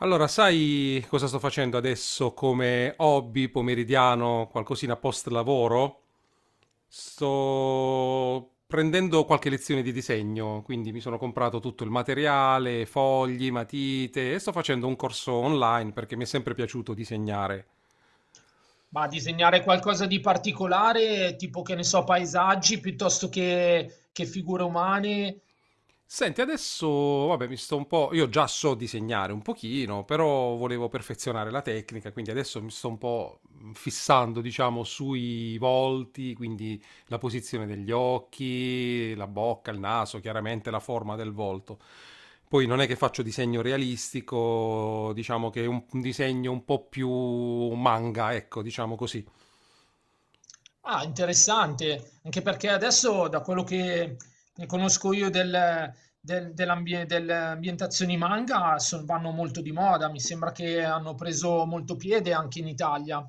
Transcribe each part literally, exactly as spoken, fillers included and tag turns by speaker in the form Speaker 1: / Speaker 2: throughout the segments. Speaker 1: Allora, sai cosa sto facendo adesso come hobby pomeridiano, qualcosina post lavoro? Sto prendendo qualche lezione di disegno, quindi mi sono comprato tutto il materiale, fogli, matite e sto facendo un corso online perché mi è sempre piaciuto disegnare.
Speaker 2: Ma disegnare qualcosa di particolare, tipo che ne so, paesaggi piuttosto che, che figure umane.
Speaker 1: Senti, adesso, vabbè, mi sto un po'... Io già so disegnare un pochino, però volevo perfezionare la tecnica, quindi adesso mi sto un po' fissando, diciamo, sui volti, quindi la posizione degli occhi, la bocca, il naso, chiaramente la forma del volto. Poi non è che faccio disegno realistico, diciamo che è un, un disegno un po' più manga, ecco, diciamo così.
Speaker 2: Ah, interessante. Anche perché adesso, da quello che ne conosco io del, del- dell'ambie- delle ambientazioni manga, son- vanno molto di moda. Mi sembra che hanno preso molto piede anche in Italia.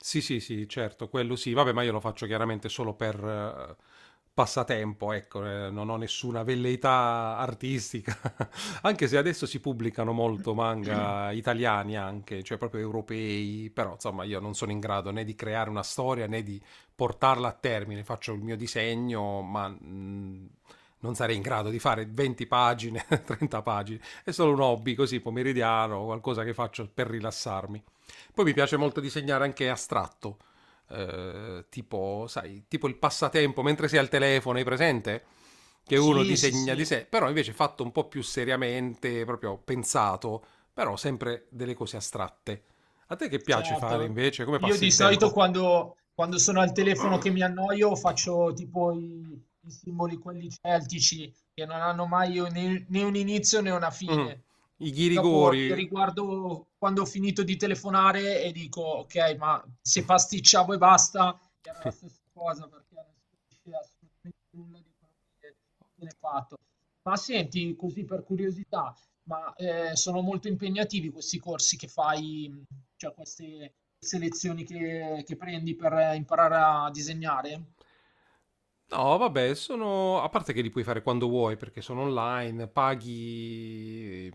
Speaker 1: Sì, sì, sì, certo, quello sì. Vabbè, ma io lo faccio chiaramente solo per eh, passatempo, ecco, eh, non ho nessuna velleità artistica. Anche se adesso si pubblicano molto manga italiani anche, cioè proprio europei, però insomma io non sono in grado né di creare una storia né di portarla a termine. Faccio il mio disegno, ma mh, non sarei in grado di fare venti pagine, trenta pagine. È solo un hobby così pomeridiano, qualcosa che faccio per rilassarmi. Poi mi piace molto disegnare anche astratto, eh, tipo, sai, tipo il passatempo mentre sei al telefono, hai presente? Che uno
Speaker 2: Sì, sì,
Speaker 1: disegna di
Speaker 2: sì.
Speaker 1: sé, però invece fatto un po' più seriamente, proprio pensato, però sempre delle cose astratte. A te che piace fare
Speaker 2: Certo,
Speaker 1: invece? Come
Speaker 2: io
Speaker 1: passi
Speaker 2: di
Speaker 1: il
Speaker 2: solito
Speaker 1: tempo?
Speaker 2: quando, quando sono al telefono che mi annoio faccio tipo i, i simboli quelli celtici che non hanno mai né, né un inizio né una
Speaker 1: Mm,
Speaker 2: fine.
Speaker 1: i
Speaker 2: Dopo li
Speaker 1: ghirigori.
Speaker 2: riguardo quando ho finito di telefonare e dico ok, ma se pasticciavo e basta era la stessa cosa perché non si capisce assolutamente nulla di quello che viene fatto. Ma senti, così per curiosità, ma eh, sono molto impegnativi questi corsi che fai, cioè queste selezioni che che prendi per imparare a disegnare?
Speaker 1: No, vabbè, sono... a parte che li puoi fare quando vuoi perché sono online, paghi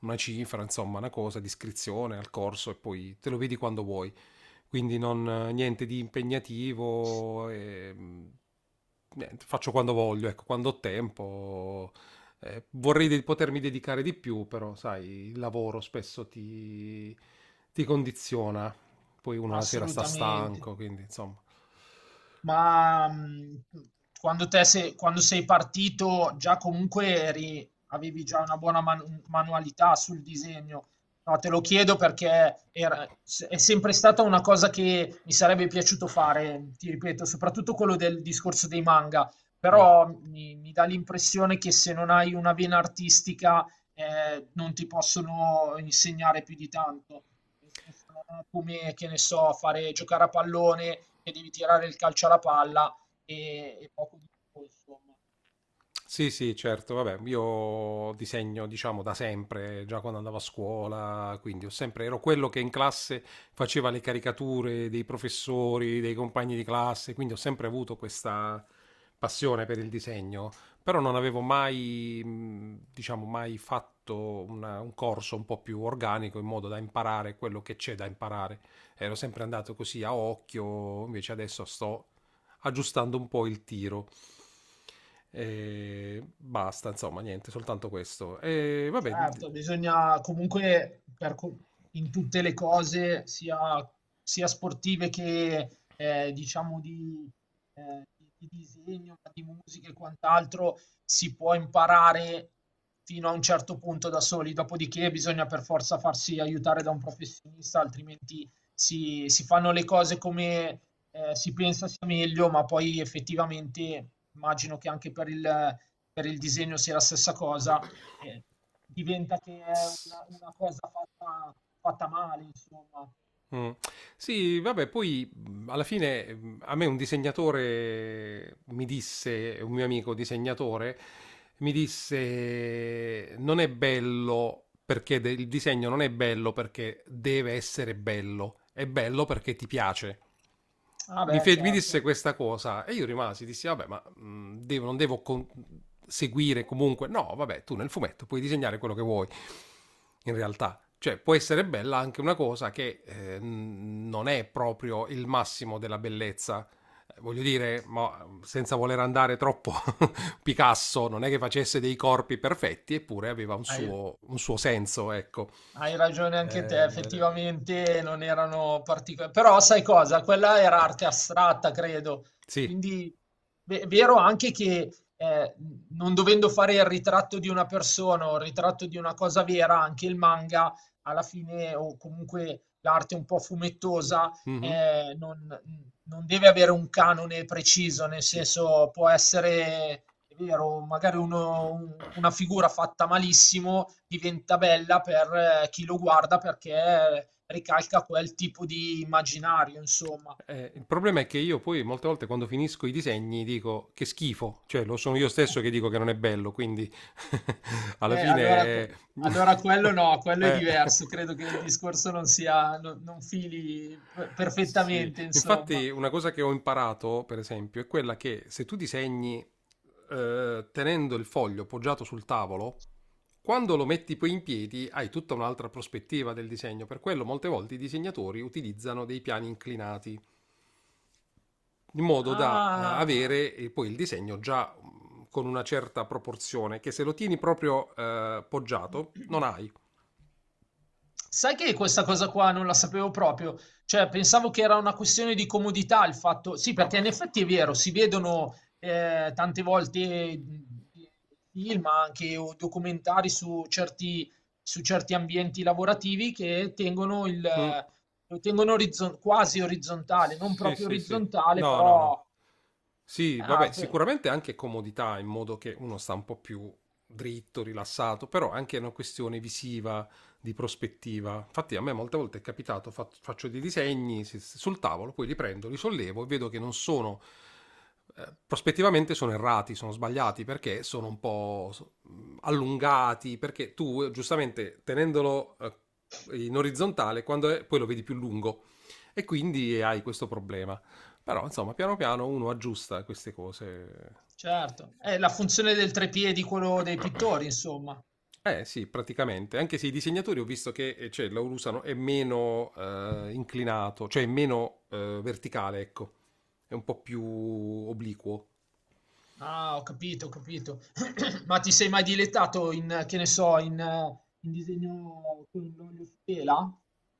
Speaker 1: una cifra, insomma, una cosa di iscrizione al corso e poi te lo vedi quando vuoi. Quindi non, niente di impegnativo, e, niente, faccio quando voglio, ecco, quando ho tempo. Eh, vorrei de- potermi dedicare di più, però sai, il lavoro spesso ti, ti condiziona. Poi uno la sera sta
Speaker 2: Assolutamente.
Speaker 1: stanco, quindi insomma.
Speaker 2: Ma mh, Quando, te se- quando sei partito già comunque eri- avevi già una buona man- manualità sul disegno. No, te lo chiedo perché era- se- è sempre stata una cosa che mi sarebbe piaciuto fare, ti ripeto, soprattutto quello del discorso dei manga,
Speaker 1: Mm.
Speaker 2: però mi, mi dà l'impressione che se non hai una vena artistica eh, non ti possono insegnare più di tanto. Nel senso, non è come, che ne so, fare giocare a pallone che devi tirare il calcio alla palla e e poco di più, insomma.
Speaker 1: Sì, sì, certo, vabbè, io disegno, diciamo, da sempre, già quando andavo a scuola, quindi ho sempre, ero quello che in classe faceva le caricature dei professori, dei compagni di classe, quindi ho sempre avuto questa passione per il disegno, però non avevo mai, mh, diciamo, mai fatto una- un corso un po' più organico in modo da imparare quello che c'è da imparare. Ero sempre andato così a occhio, invece adesso sto aggiustando un po' il tiro. E basta, insomma, niente, soltanto questo. E vabbè,
Speaker 2: Certo, bisogna comunque per co- in tutte le cose, sia, sia sportive che eh, diciamo di, eh, di- di disegno, ma di musica e quant'altro, si può imparare fino a un certo punto da soli, dopodiché bisogna per forza farsi aiutare da un professionista, altrimenti si, si fanno le cose come eh, si pensa sia meglio, ma poi effettivamente immagino che anche per il, per il disegno sia la stessa cosa, eh, diventa che è una una cosa fatta fatta male, insomma.
Speaker 1: mm. Sì, vabbè, poi mh, alla fine mh, a me un disegnatore mi disse, un mio amico disegnatore, mi disse non è bello perché de- il disegno non è bello perché deve essere bello, è bello perché ti piace.
Speaker 2: Ah,
Speaker 1: Mi,
Speaker 2: beh,
Speaker 1: fe- mi
Speaker 2: certo.
Speaker 1: disse questa cosa e io rimasi, dissi vabbè, ma mh, devo- non devo con- seguire comunque. No, vabbè, tu nel fumetto puoi disegnare quello che vuoi, in realtà. Cioè, può essere bella anche una cosa che eh, n- non è proprio il massimo della bellezza. Eh, Voglio dire, ma mm, senza voler andare troppo, Picasso non è che facesse dei corpi perfetti, eppure aveva un
Speaker 2: Hai
Speaker 1: suo, un suo senso, ecco.
Speaker 2: Hai ragione anche te,
Speaker 1: Eh,
Speaker 2: effettivamente non erano particolari, però sai cosa? Quella era arte astratta, credo.
Speaker 1: sì,
Speaker 2: Quindi è vero anche che, eh, non dovendo fare il ritratto di una persona o il ritratto di una cosa vera, anche il manga alla fine, o comunque l'arte un po' fumettosa,
Speaker 1: mhm,
Speaker 2: eh, non non deve avere un canone preciso, nel
Speaker 1: sì.
Speaker 2: senso può essere, è vero, magari uno un una figura fatta malissimo diventa bella per eh, chi lo guarda perché ricalca quel tipo di immaginario, insomma.
Speaker 1: Eh, il problema è che io poi molte volte quando finisco i disegni dico che schifo, cioè lo sono io stesso che dico che non è bello, quindi alla
Speaker 2: Eh, allora
Speaker 1: fine...
Speaker 2: que allora quello no, quello è
Speaker 1: eh,
Speaker 2: diverso. Credo che il discorso non sia no non fili p
Speaker 1: sì,
Speaker 2: perfettamente, insomma.
Speaker 1: infatti una cosa che ho imparato, per esempio, è quella che se tu disegni eh, tenendo il foglio poggiato sul tavolo, quando lo metti poi in piedi hai tutta un'altra prospettiva del disegno. Per quello molte volte i disegnatori utilizzano dei piani inclinati, in modo da eh,
Speaker 2: Ah.
Speaker 1: avere eh, poi il disegno già mm, con una certa proporzione, che se lo tieni proprio eh, poggiato non hai.
Speaker 2: Sai che questa cosa qua non la sapevo proprio, cioè pensavo che era una questione di comodità, il fatto sì, perché in effetti è vero, si vedono, ehm, tante volte, mhmm, film anche o documentari su certi, su certi ambienti lavorativi che tengono il
Speaker 1: Mm.
Speaker 2: eh, lo tengono orizzon, quasi orizzontale, non
Speaker 1: Sì,
Speaker 2: proprio
Speaker 1: sì, sì.
Speaker 2: orizzontale,
Speaker 1: No, no, no.
Speaker 2: però
Speaker 1: Sì,
Speaker 2: ah,
Speaker 1: vabbè,
Speaker 2: beh,
Speaker 1: sicuramente anche comodità, in modo che uno sta un po' più dritto, rilassato, però è anche una questione visiva, di prospettiva. Infatti a me molte volte è capitato, fa- faccio dei disegni si- sul tavolo, poi li prendo, li sollevo e vedo che non sono, eh, prospettivamente sono errati, sono sbagliati, perché sono un po' so- allungati, perché tu eh, giustamente tenendolo eh, in orizzontale, quando è, poi lo vedi più lungo e quindi hai questo problema. Però, insomma, piano piano uno aggiusta queste cose.
Speaker 2: certo. È la funzione del tre piedi, quello dei pittori, insomma.
Speaker 1: Eh sì, praticamente. Anche se i disegnatori ho visto che eh, cioè, l'Aurusano è meno eh, inclinato, cioè è meno eh, verticale, ecco. È un po' più obliquo.
Speaker 2: Ah, ho capito, ho capito. Ma ti sei mai dilettato in, che ne so, in, eh, in disegno con l'olio su tela?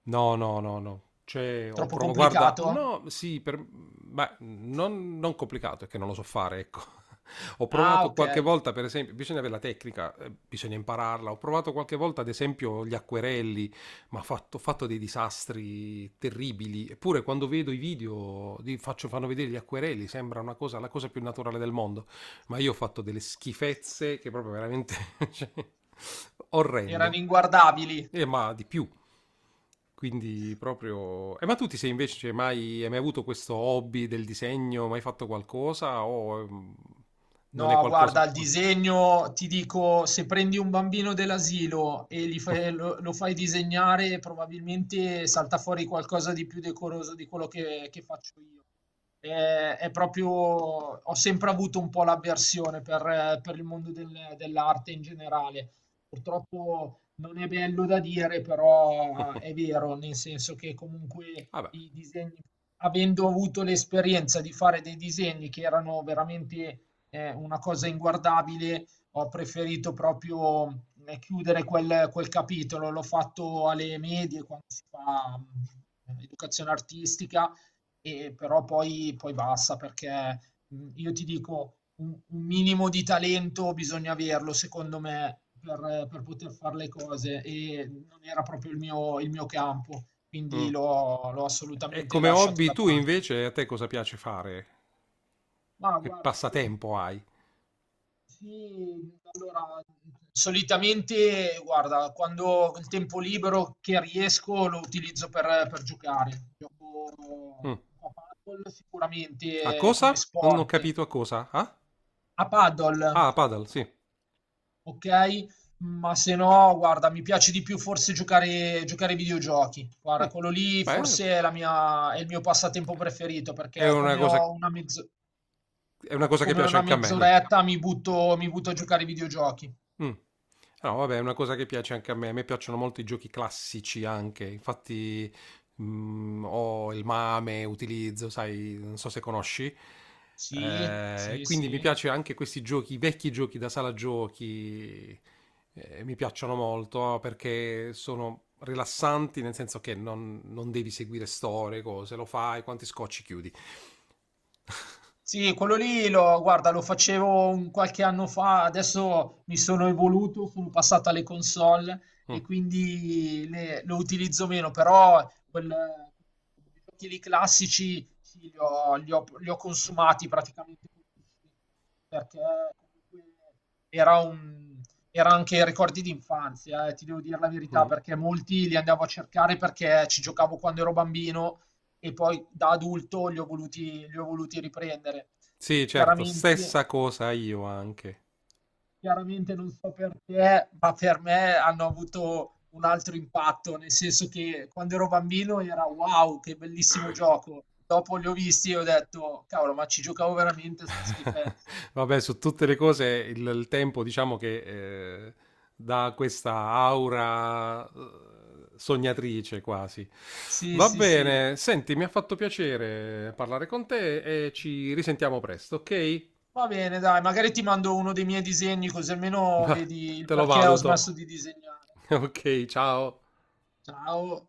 Speaker 1: No, no, no, no. Cioè, ho
Speaker 2: Troppo
Speaker 1: provato, guarda,
Speaker 2: complicato?
Speaker 1: no, sì, per... ma non, non complicato, è che non lo so fare, ecco. Ho
Speaker 2: Ah,
Speaker 1: provato
Speaker 2: ok.
Speaker 1: qualche volta, per esempio, bisogna avere la tecnica, eh, bisogna impararla. Ho provato qualche volta, ad esempio, gli acquerelli, ma ho fatto, ho fatto dei disastri terribili. Eppure quando vedo i video, di- faccio- fanno vedere gli acquerelli, sembra una cosa, la cosa più naturale del mondo ma io ho fatto delle schifezze che proprio veramente cioè,
Speaker 2: Erano
Speaker 1: orrende.
Speaker 2: inguardabili.
Speaker 1: E ma di più. Quindi proprio... Eh, ma tu ti sei invece cioè, mai, hai mai avuto questo hobby del disegno? Mai fatto qualcosa? O mm, non è
Speaker 2: No,
Speaker 1: qualcosa?
Speaker 2: guarda, il
Speaker 1: Mm.
Speaker 2: disegno, ti dico, se prendi un bambino dell'asilo e gli fai- lo, lo fai disegnare, probabilmente salta fuori qualcosa di più decoroso di quello che, che faccio io. Eh, È, proprio, ho sempre avuto un po' l'avversione per, eh, per il mondo del- dell'arte in generale. Purtroppo non è bello da dire, però eh, è vero, nel senso che comunque
Speaker 1: Vabbè.
Speaker 2: i disegni, avendo avuto l'esperienza di fare dei disegni che erano veramente è una cosa inguardabile, ho preferito proprio eh, chiudere quel, quel capitolo. L'ho fatto alle medie quando si fa mh, educazione artistica, e però poi, poi basta perché mh, io ti dico un, un minimo di talento bisogna averlo, secondo me, per, per poter fare le cose e non era proprio il mio, il mio campo, quindi
Speaker 1: Mm.
Speaker 2: l'ho l'ho
Speaker 1: E
Speaker 2: assolutamente
Speaker 1: come
Speaker 2: lasciato
Speaker 1: hobby
Speaker 2: da
Speaker 1: tu
Speaker 2: parte.
Speaker 1: invece a te cosa piace fare?
Speaker 2: Ma
Speaker 1: Che
Speaker 2: guarda, io.
Speaker 1: passatempo hai?
Speaker 2: Sì, allora, solitamente, guarda, quando ho il tempo libero che riesco lo utilizzo per, per giocare. Gioco gioco
Speaker 1: Mm.
Speaker 2: a paddle
Speaker 1: A
Speaker 2: sicuramente, eh,
Speaker 1: cosa?
Speaker 2: come
Speaker 1: Non ho
Speaker 2: sport.
Speaker 1: capito a cosa. Ah,
Speaker 2: A paddle,
Speaker 1: ah a paddle, sì.
Speaker 2: ok? Ma se no, guarda, mi piace di più forse giocare, giocare ai videogiochi. Guarda,
Speaker 1: Mm.
Speaker 2: quello lì
Speaker 1: Beh,
Speaker 2: forse è la mia- è il mio passatempo preferito
Speaker 1: è
Speaker 2: perché
Speaker 1: una
Speaker 2: come
Speaker 1: cosa
Speaker 2: ho una mezz-
Speaker 1: è una cosa che
Speaker 2: come ho
Speaker 1: piace
Speaker 2: una
Speaker 1: anche a me, niente.
Speaker 2: mezz'oretta mi butto, mi butto a giocare ai videogiochi.
Speaker 1: Mm. No, vabbè, è una cosa che piace anche a me. A me piacciono molto i giochi classici anche. Infatti, mm, ho il Mame, utilizzo, sai, non so se conosci.
Speaker 2: Sì,
Speaker 1: Eh,
Speaker 2: sì,
Speaker 1: quindi mi
Speaker 2: sì.
Speaker 1: piace anche questi giochi, i vecchi giochi da sala giochi. eh, mi piacciono molto perché sono rilassanti, nel senso che non, non devi seguire storie, cose, lo fai, quanti scocci chiudi.
Speaker 2: Sì, quello lì lo, guarda, lo facevo un qualche anno fa, adesso mi sono evoluto, sono passato alle console
Speaker 1: Mm,
Speaker 2: e quindi le- lo utilizzo meno, però quel, i giochi lì classici sì, li ho, li ho- li ho consumati praticamente tutti, perché comunque era un, era anche ricordi di infanzia, eh, ti devo dire la verità,
Speaker 1: mm.
Speaker 2: perché molti li andavo a cercare perché ci giocavo quando ero bambino e poi da adulto li ho voluti li ho voluti riprendere.
Speaker 1: Sì, certo,
Speaker 2: Chiaramente
Speaker 1: stessa cosa io anche.
Speaker 2: chiaramente non so perché, ma per me hanno avuto un altro impatto, nel senso che quando ero bambino era: "Wow, che bellissimo gioco". Dopo li ho visti e ho detto: "Cavolo, ma ci giocavo veramente a 'sta schifezza".
Speaker 1: Vabbè, su tutte le cose il, il tempo diciamo che eh, dà questa aura eh, sognatrice quasi.
Speaker 2: Sì,
Speaker 1: Va
Speaker 2: sì, sì.
Speaker 1: bene, senti, mi ha fatto piacere parlare con te e ci risentiamo presto, ok?
Speaker 2: Va bene, dai, magari ti mando uno dei miei disegni, così almeno vedi il
Speaker 1: Te lo
Speaker 2: perché ho
Speaker 1: valuto.
Speaker 2: smesso di disegnare.
Speaker 1: Ok, ciao.
Speaker 2: Ciao.